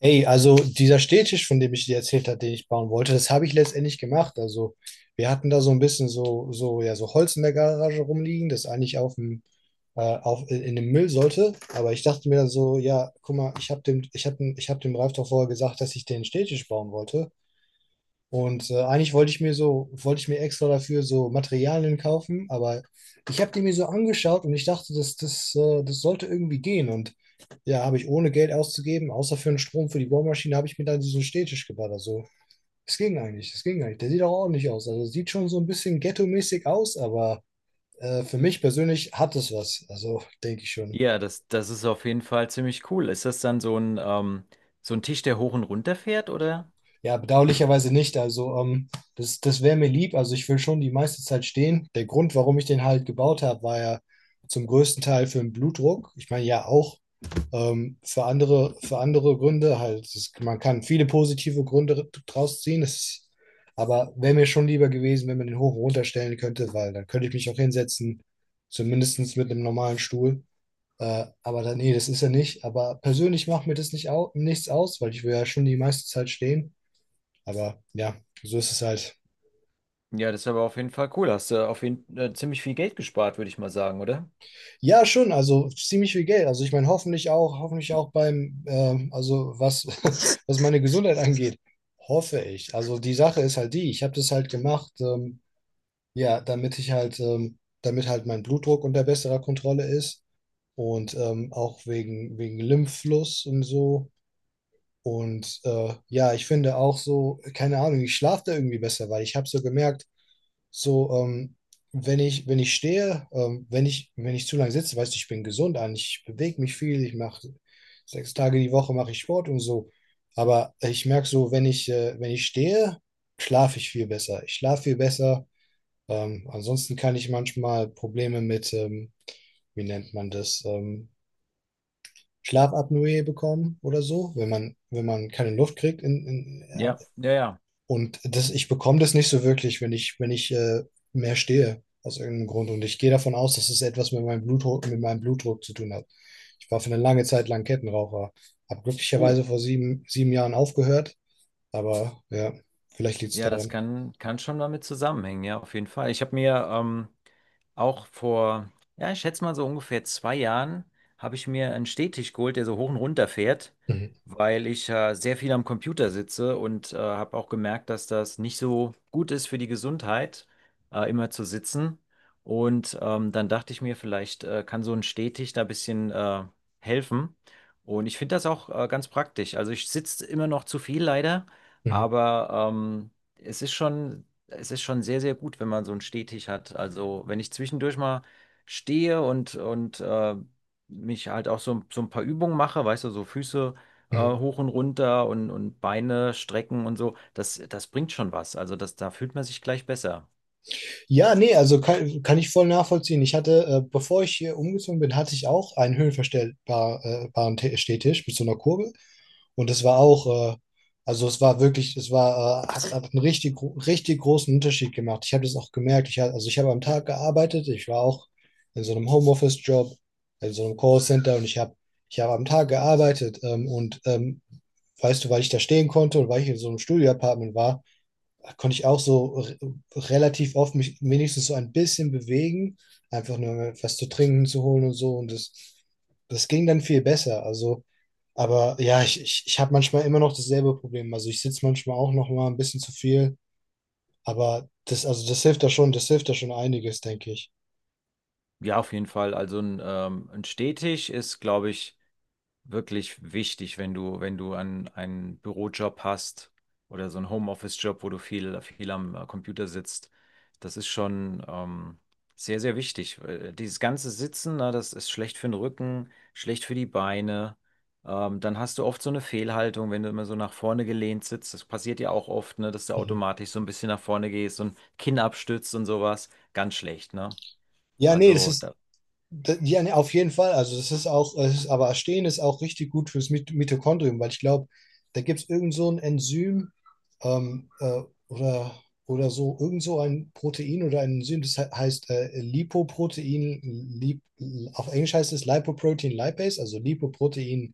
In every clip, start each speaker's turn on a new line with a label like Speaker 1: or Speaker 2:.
Speaker 1: Ey, also dieser Stehtisch, von dem ich dir erzählt habe, den ich bauen wollte, das habe ich letztendlich gemacht. Also wir hatten da so ein bisschen so, so Holz in der Garage rumliegen, das eigentlich auf dem, auf, in dem Müll sollte. Aber ich dachte mir dann so, ja, guck mal, ich habe dem Ralf doch vorher gesagt, dass ich den Stehtisch bauen wollte. Und eigentlich wollte ich mir extra dafür so Materialien kaufen, aber ich habe die mir so angeschaut und ich dachte, das sollte irgendwie gehen. Und ja, habe ich ohne Geld auszugeben, außer für den Strom für die Bohrmaschine, habe ich mir dann diesen Stehtisch gebaut. Also, es ging eigentlich, es ging eigentlich. Der sieht auch ordentlich aus. Also, sieht schon so ein bisschen ghetto-mäßig aus, aber für mich persönlich hat es was. Also, denke ich schon.
Speaker 2: Ja, das ist auf jeden Fall ziemlich cool. Ist das dann so ein Tisch, der hoch und runter fährt, oder?
Speaker 1: Ja, bedauerlicherweise nicht. Also, das wäre mir lieb. Also, ich will schon die meiste Zeit stehen. Der Grund, warum ich den halt gebaut habe, war ja zum größten Teil für den Blutdruck. Ich meine, ja, auch für andere Gründe halt. Es ist, man kann viele positive Gründe draus ziehen. Aber wäre mir schon lieber gewesen, wenn man den hoch und runter stellen könnte, weil dann könnte ich mich auch hinsetzen, zumindest mit einem normalen Stuhl. Aber dann, nee, das ist er nicht. Aber persönlich macht mir das nicht au nichts aus, weil ich will ja schon die meiste Zeit stehen. Aber ja, so ist es halt.
Speaker 2: Ja, das ist aber auf jeden Fall cool. Hast du auf jeden ziemlich viel Geld gespart, würde ich mal sagen, oder?
Speaker 1: Ja, schon, also ziemlich viel Geld. Also ich meine, hoffentlich auch beim, was meine Gesundheit angeht, hoffe ich. Also die Sache ist halt die, ich habe das halt gemacht, ja, damit halt mein Blutdruck unter besserer Kontrolle ist und auch wegen Lymphfluss und so. Und ja, ich finde auch so, keine Ahnung, ich schlafe da irgendwie besser, weil ich habe so gemerkt, so, wenn ich stehe, wenn ich zu lange sitze, weißt du, ich bin gesund an, ich bewege mich viel, ich mache 6 Tage die Woche mache ich Sport und so. Aber ich merke so, wenn ich stehe, schlafe ich viel besser. Ich schlafe viel besser. Ansonsten kann ich manchmal Probleme mit, wie nennt man das, Schlafapnoe bekommen oder so, wenn man keine Luft kriegt in, in,
Speaker 2: Ja, ja, ja.
Speaker 1: und ich bekomme das nicht so wirklich, wenn ich, wenn ich mehr stehe, aus irgendeinem Grund. Und ich gehe davon aus, dass es etwas mit meinem Blutdruck zu tun hat. Ich war für eine lange Zeit lang Kettenraucher. Habe
Speaker 2: Oh.
Speaker 1: glücklicherweise vor 7 Jahren aufgehört, aber ja, vielleicht liegt es
Speaker 2: Ja, das
Speaker 1: daran.
Speaker 2: kann schon damit zusammenhängen, ja, auf jeden Fall. Ich habe mir auch ja, ich schätze mal so ungefähr zwei Jahren, habe ich mir einen Stehtisch geholt, der so hoch und runter fährt,
Speaker 1: Mhm.
Speaker 2: weil ich sehr viel am Computer sitze und habe auch gemerkt, dass das nicht so gut ist für die Gesundheit, immer zu sitzen. Und dann dachte ich mir, vielleicht kann so ein Stehtisch da ein bisschen helfen. Und ich finde das auch ganz praktisch. Also ich sitze immer noch zu viel leider.
Speaker 1: Mhm.
Speaker 2: Aber es ist schon sehr, sehr gut, wenn man so einen Stehtisch hat. Also wenn ich zwischendurch mal stehe und mich halt auch so, so ein paar Übungen mache, weißt du, so Füße
Speaker 1: Mhm.
Speaker 2: hoch und runter und Beine strecken und so, das bringt schon was. Also das, da fühlt man sich gleich besser.
Speaker 1: Ja, nee, also kann ich voll nachvollziehen. Ich hatte, bevor ich hier umgezogen bin, hatte ich auch einen höhenverstellbaren Stehtisch mit so einer Kurbel. Und es war auch, äh, also es war wirklich, es war, hat einen richtig, richtig großen Unterschied gemacht. Ich habe das auch gemerkt. Also ich habe am Tag gearbeitet, ich war auch in so einem Homeoffice-Job, in so einem Callcenter und ich habe am Tag gearbeitet und weißt du, weil ich da stehen konnte und weil ich in so einem Studio-Apartment war, konnte ich auch so relativ oft mich wenigstens so ein bisschen bewegen, einfach nur was zu trinken zu holen und so. Und das ging dann viel besser. Also, aber ja, ich habe manchmal immer noch dasselbe Problem. Also ich sitze manchmal auch noch mal ein bisschen zu viel, aber das hilft da schon, einiges, denke ich.
Speaker 2: Ja, auf jeden Fall. Also ein Stehtisch ist, glaube ich, wirklich wichtig, wenn du einen, einen Bürojob hast oder so einen Homeoffice-Job, wo du viel am Computer sitzt. Das ist schon sehr, sehr wichtig. Dieses ganze Sitzen, na, das ist schlecht für den Rücken, schlecht für die Beine. Dann hast du oft so eine Fehlhaltung, wenn du immer so nach vorne gelehnt sitzt. Das passiert ja auch oft, ne, dass du
Speaker 1: Mhm.
Speaker 2: automatisch so ein bisschen nach vorne gehst und Kinn abstützt und sowas. Ganz schlecht, ne?
Speaker 1: Ja, nee,
Speaker 2: Also, da,
Speaker 1: Ja, ne, auf jeden Fall. Also das ist auch, aber Arsen ist auch richtig gut fürs Mitochondrium, weil ich glaube, da gibt es irgend so ein Enzym ähm, äh, oder, oder so, irgend so ein Protein oder ein Enzym, das heißt Lipoprotein, Lip, auf Englisch heißt es Lipoprotein Lipase, also Lipoprotein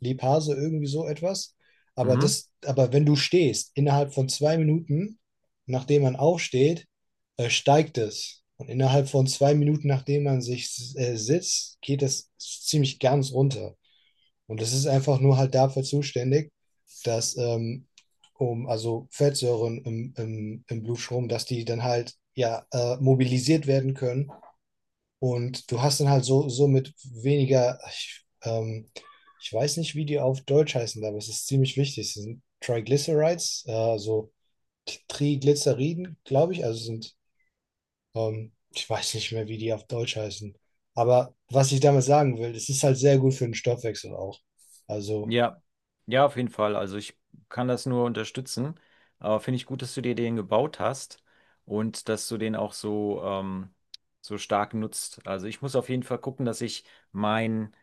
Speaker 1: Lipase, irgendwie so etwas.
Speaker 2: mhm.
Speaker 1: Aber wenn du stehst, innerhalb von 2 Minuten, nachdem man aufsteht, steigt es. Und innerhalb von 2 Minuten, nachdem man sich sitzt, geht es ziemlich ganz runter. Und das ist einfach nur halt dafür zuständig, dass also Fettsäuren im Blutstrom, dass die dann halt ja mobilisiert werden können. Und du hast dann halt so mit weniger, ich weiß nicht, wie die auf Deutsch heißen, aber es ist ziemlich wichtig. Es sind Triglycerides, also Triglyceriden, glaube ich, also sind ich weiß nicht mehr, wie die auf Deutsch heißen. Aber was ich damit sagen will, es ist halt sehr gut für den Stoffwechsel auch. Also.
Speaker 2: Ja, ja, auf jeden Fall. Also ich kann das nur unterstützen. Aber finde ich gut, dass du dir den gebaut hast und dass du den auch so, so stark nutzt. Also ich muss auf jeden Fall gucken, dass ich mein,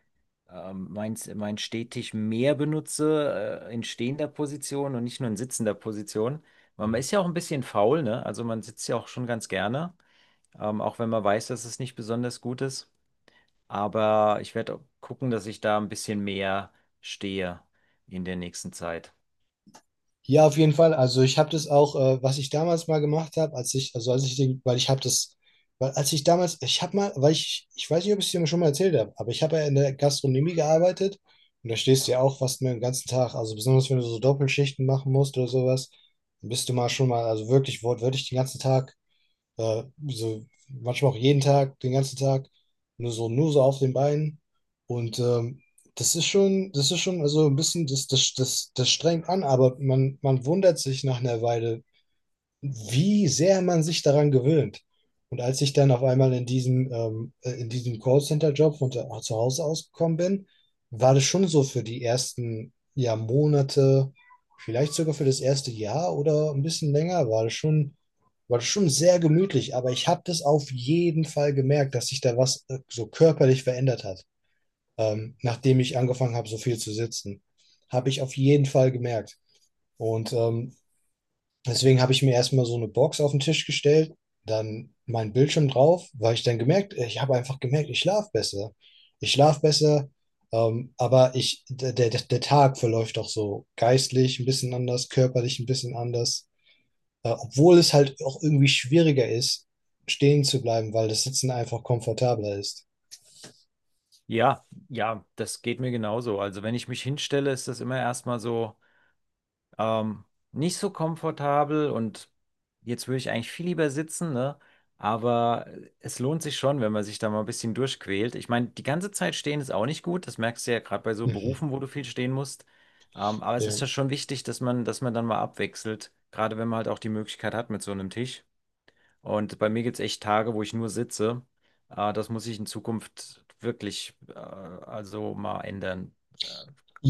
Speaker 2: mein Stehtisch mehr benutze, in stehender Position und nicht nur in sitzender Position. Weil
Speaker 1: Mhm.
Speaker 2: man ist ja auch ein bisschen faul, ne? Also man sitzt ja auch schon ganz gerne, auch wenn man weiß, dass es nicht besonders gut ist. Aber ich werde gucken, dass ich da ein bisschen mehr stehe in der nächsten Zeit.
Speaker 1: Ja, auf jeden Fall. Also ich habe das auch, was ich damals mal gemacht habe, als ich, also als ich den, weil ich habe das, weil als ich damals, ich habe mal, weil ich weiß nicht, ob ich es dir schon mal erzählt habe, aber ich habe ja in der Gastronomie gearbeitet und da stehst du ja auch fast den ganzen Tag, also besonders wenn du so Doppelschichten machen musst oder sowas, bist du mal schon mal, also wirklich wortwörtlich den ganzen Tag so, manchmal auch jeden Tag, den ganzen Tag, nur so auf den Beinen. Und das ist schon, also ein bisschen, das strengt an, aber man wundert sich nach einer Weile, wie sehr man sich daran gewöhnt. Und als ich dann auf einmal in diesem Callcenter-Job von zu Hause ausgekommen bin, war das schon so für die ersten ja, Monate, vielleicht sogar für das erste Jahr oder ein bisschen länger, war das schon sehr gemütlich. Aber ich habe das auf jeden Fall gemerkt, dass sich da was so körperlich verändert hat. Nachdem ich angefangen habe, so viel zu sitzen, habe ich auf jeden Fall gemerkt. Und deswegen habe ich mir erstmal so eine Box auf den Tisch gestellt, dann meinen Bildschirm drauf, weil ich dann gemerkt, ich habe einfach gemerkt, ich schlafe besser. Ich schlafe besser, aber der Tag verläuft auch so geistlich ein bisschen anders, körperlich ein bisschen anders. Obwohl es halt auch irgendwie schwieriger ist, stehen zu bleiben, weil das Sitzen einfach komfortabler ist.
Speaker 2: Ja, ja, das geht mir genauso. Also wenn ich mich hinstelle, ist das immer erstmal so ähm, nicht so komfortabel und jetzt würde ich eigentlich viel lieber sitzen, ne? Aber es lohnt sich schon, wenn man sich da mal ein bisschen durchquält. Ich meine, die ganze Zeit stehen ist auch nicht gut. Das merkst du ja gerade bei so
Speaker 1: Mhm.
Speaker 2: Berufen, wo du viel stehen musst. Aber es
Speaker 1: Ja.
Speaker 2: ist ja schon wichtig, dass man dann mal abwechselt, gerade wenn man halt auch die Möglichkeit hat mit so einem Tisch. Und bei mir gibt es echt Tage, wo ich nur sitze. Das muss ich in Zukunft wirklich also mal ändern. Äh,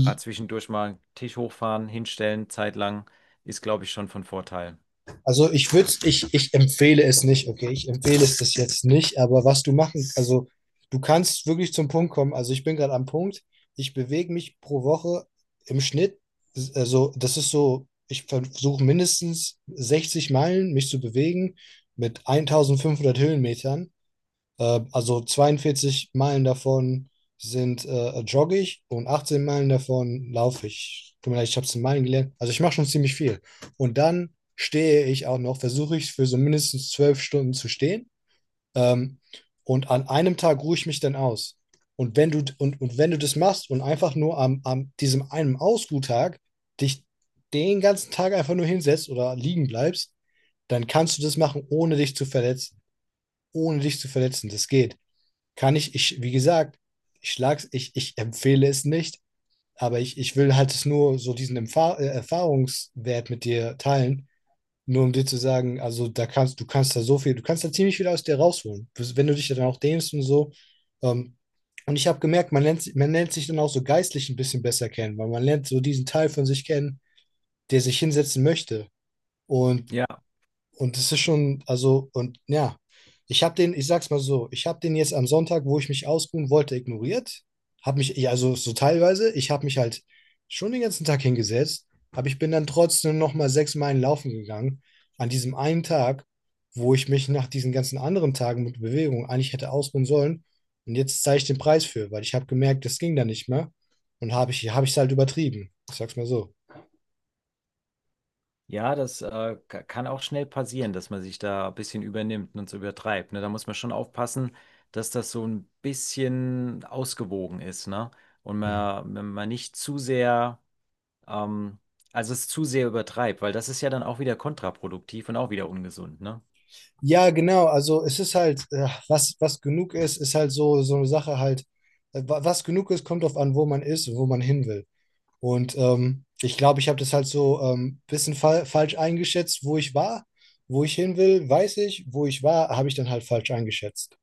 Speaker 2: Gerade zwischendurch mal einen Tisch hochfahren, hinstellen, zeitlang, ist, glaube ich, schon von Vorteil.
Speaker 1: Also ich empfehle es nicht, okay? Ich empfehle es das jetzt nicht, aber was du machen, also du kannst wirklich zum Punkt kommen. Also ich bin gerade am Punkt, ich bewege mich pro Woche im Schnitt, also das ist so, ich versuche mindestens 60 Meilen mich zu bewegen mit 1500 Höhenmetern also 42 Meilen davon sind joggig und 18 Meilen davon laufe ich. Tut mir leid, ich habe es in Meilen gelernt. Also ich mache schon ziemlich viel. Und dann stehe ich auch noch, versuche ich für so mindestens 12 Stunden zu stehen. Ähm, und an einem Tag ruhe ich mich dann aus. Und und wenn du das machst und einfach nur am, diesem einen Ausruhtag dich den ganzen Tag einfach nur hinsetzt oder liegen bleibst, dann kannst du das machen, ohne dich zu verletzen ohne dich zu verletzen. Das geht. Wie gesagt, ich empfehle es nicht, aber ich will halt es nur so diesen Erfahrungswert mit dir teilen, nur um dir zu sagen, also da kannst, du kannst da so viel, du kannst da ziemlich viel aus dir rausholen. Wenn du dich da dann auch dehnst und so. Ähm, und ich habe gemerkt, man lernt sich dann auch so geistlich ein bisschen besser kennen, weil man lernt so diesen Teil von sich kennen, der sich hinsetzen möchte. Und
Speaker 2: Ja,
Speaker 1: und das ist schon, also, und ja, ich habe den, ich sag's mal so, ich habe den jetzt am Sonntag, wo ich mich ausruhen wollte, ignoriert. Habe mich, ja, also so teilweise, ich habe mich halt schon den ganzen Tag hingesetzt, aber ich bin dann trotzdem nochmal 6 Meilen laufen gegangen, an diesem einen Tag, wo ich mich nach diesen ganzen anderen Tagen mit Bewegung eigentlich hätte ausruhen sollen. Und jetzt zahle ich den Preis für, weil ich habe gemerkt, das ging da nicht mehr. Habe ich es halt übertrieben. Ich sag's mal so.
Speaker 2: ja, das kann auch schnell passieren, dass man sich da ein bisschen übernimmt und so übertreibt. Ne? Da muss man schon aufpassen, dass das so ein bisschen ausgewogen ist, ne? Und man nicht zu sehr Ähm, also es zu sehr übertreibt, weil das ist ja dann auch wieder kontraproduktiv und auch wieder ungesund, ne?
Speaker 1: Ja, genau. Also es ist halt, was genug ist, ist halt so eine Sache halt, was genug ist, kommt drauf an, wo man ist und wo man hin will. Und ich glaube, ich habe das halt so ein bisschen fa falsch eingeschätzt, wo ich war, wo ich hin will, weiß ich, wo ich war, habe ich dann halt falsch eingeschätzt.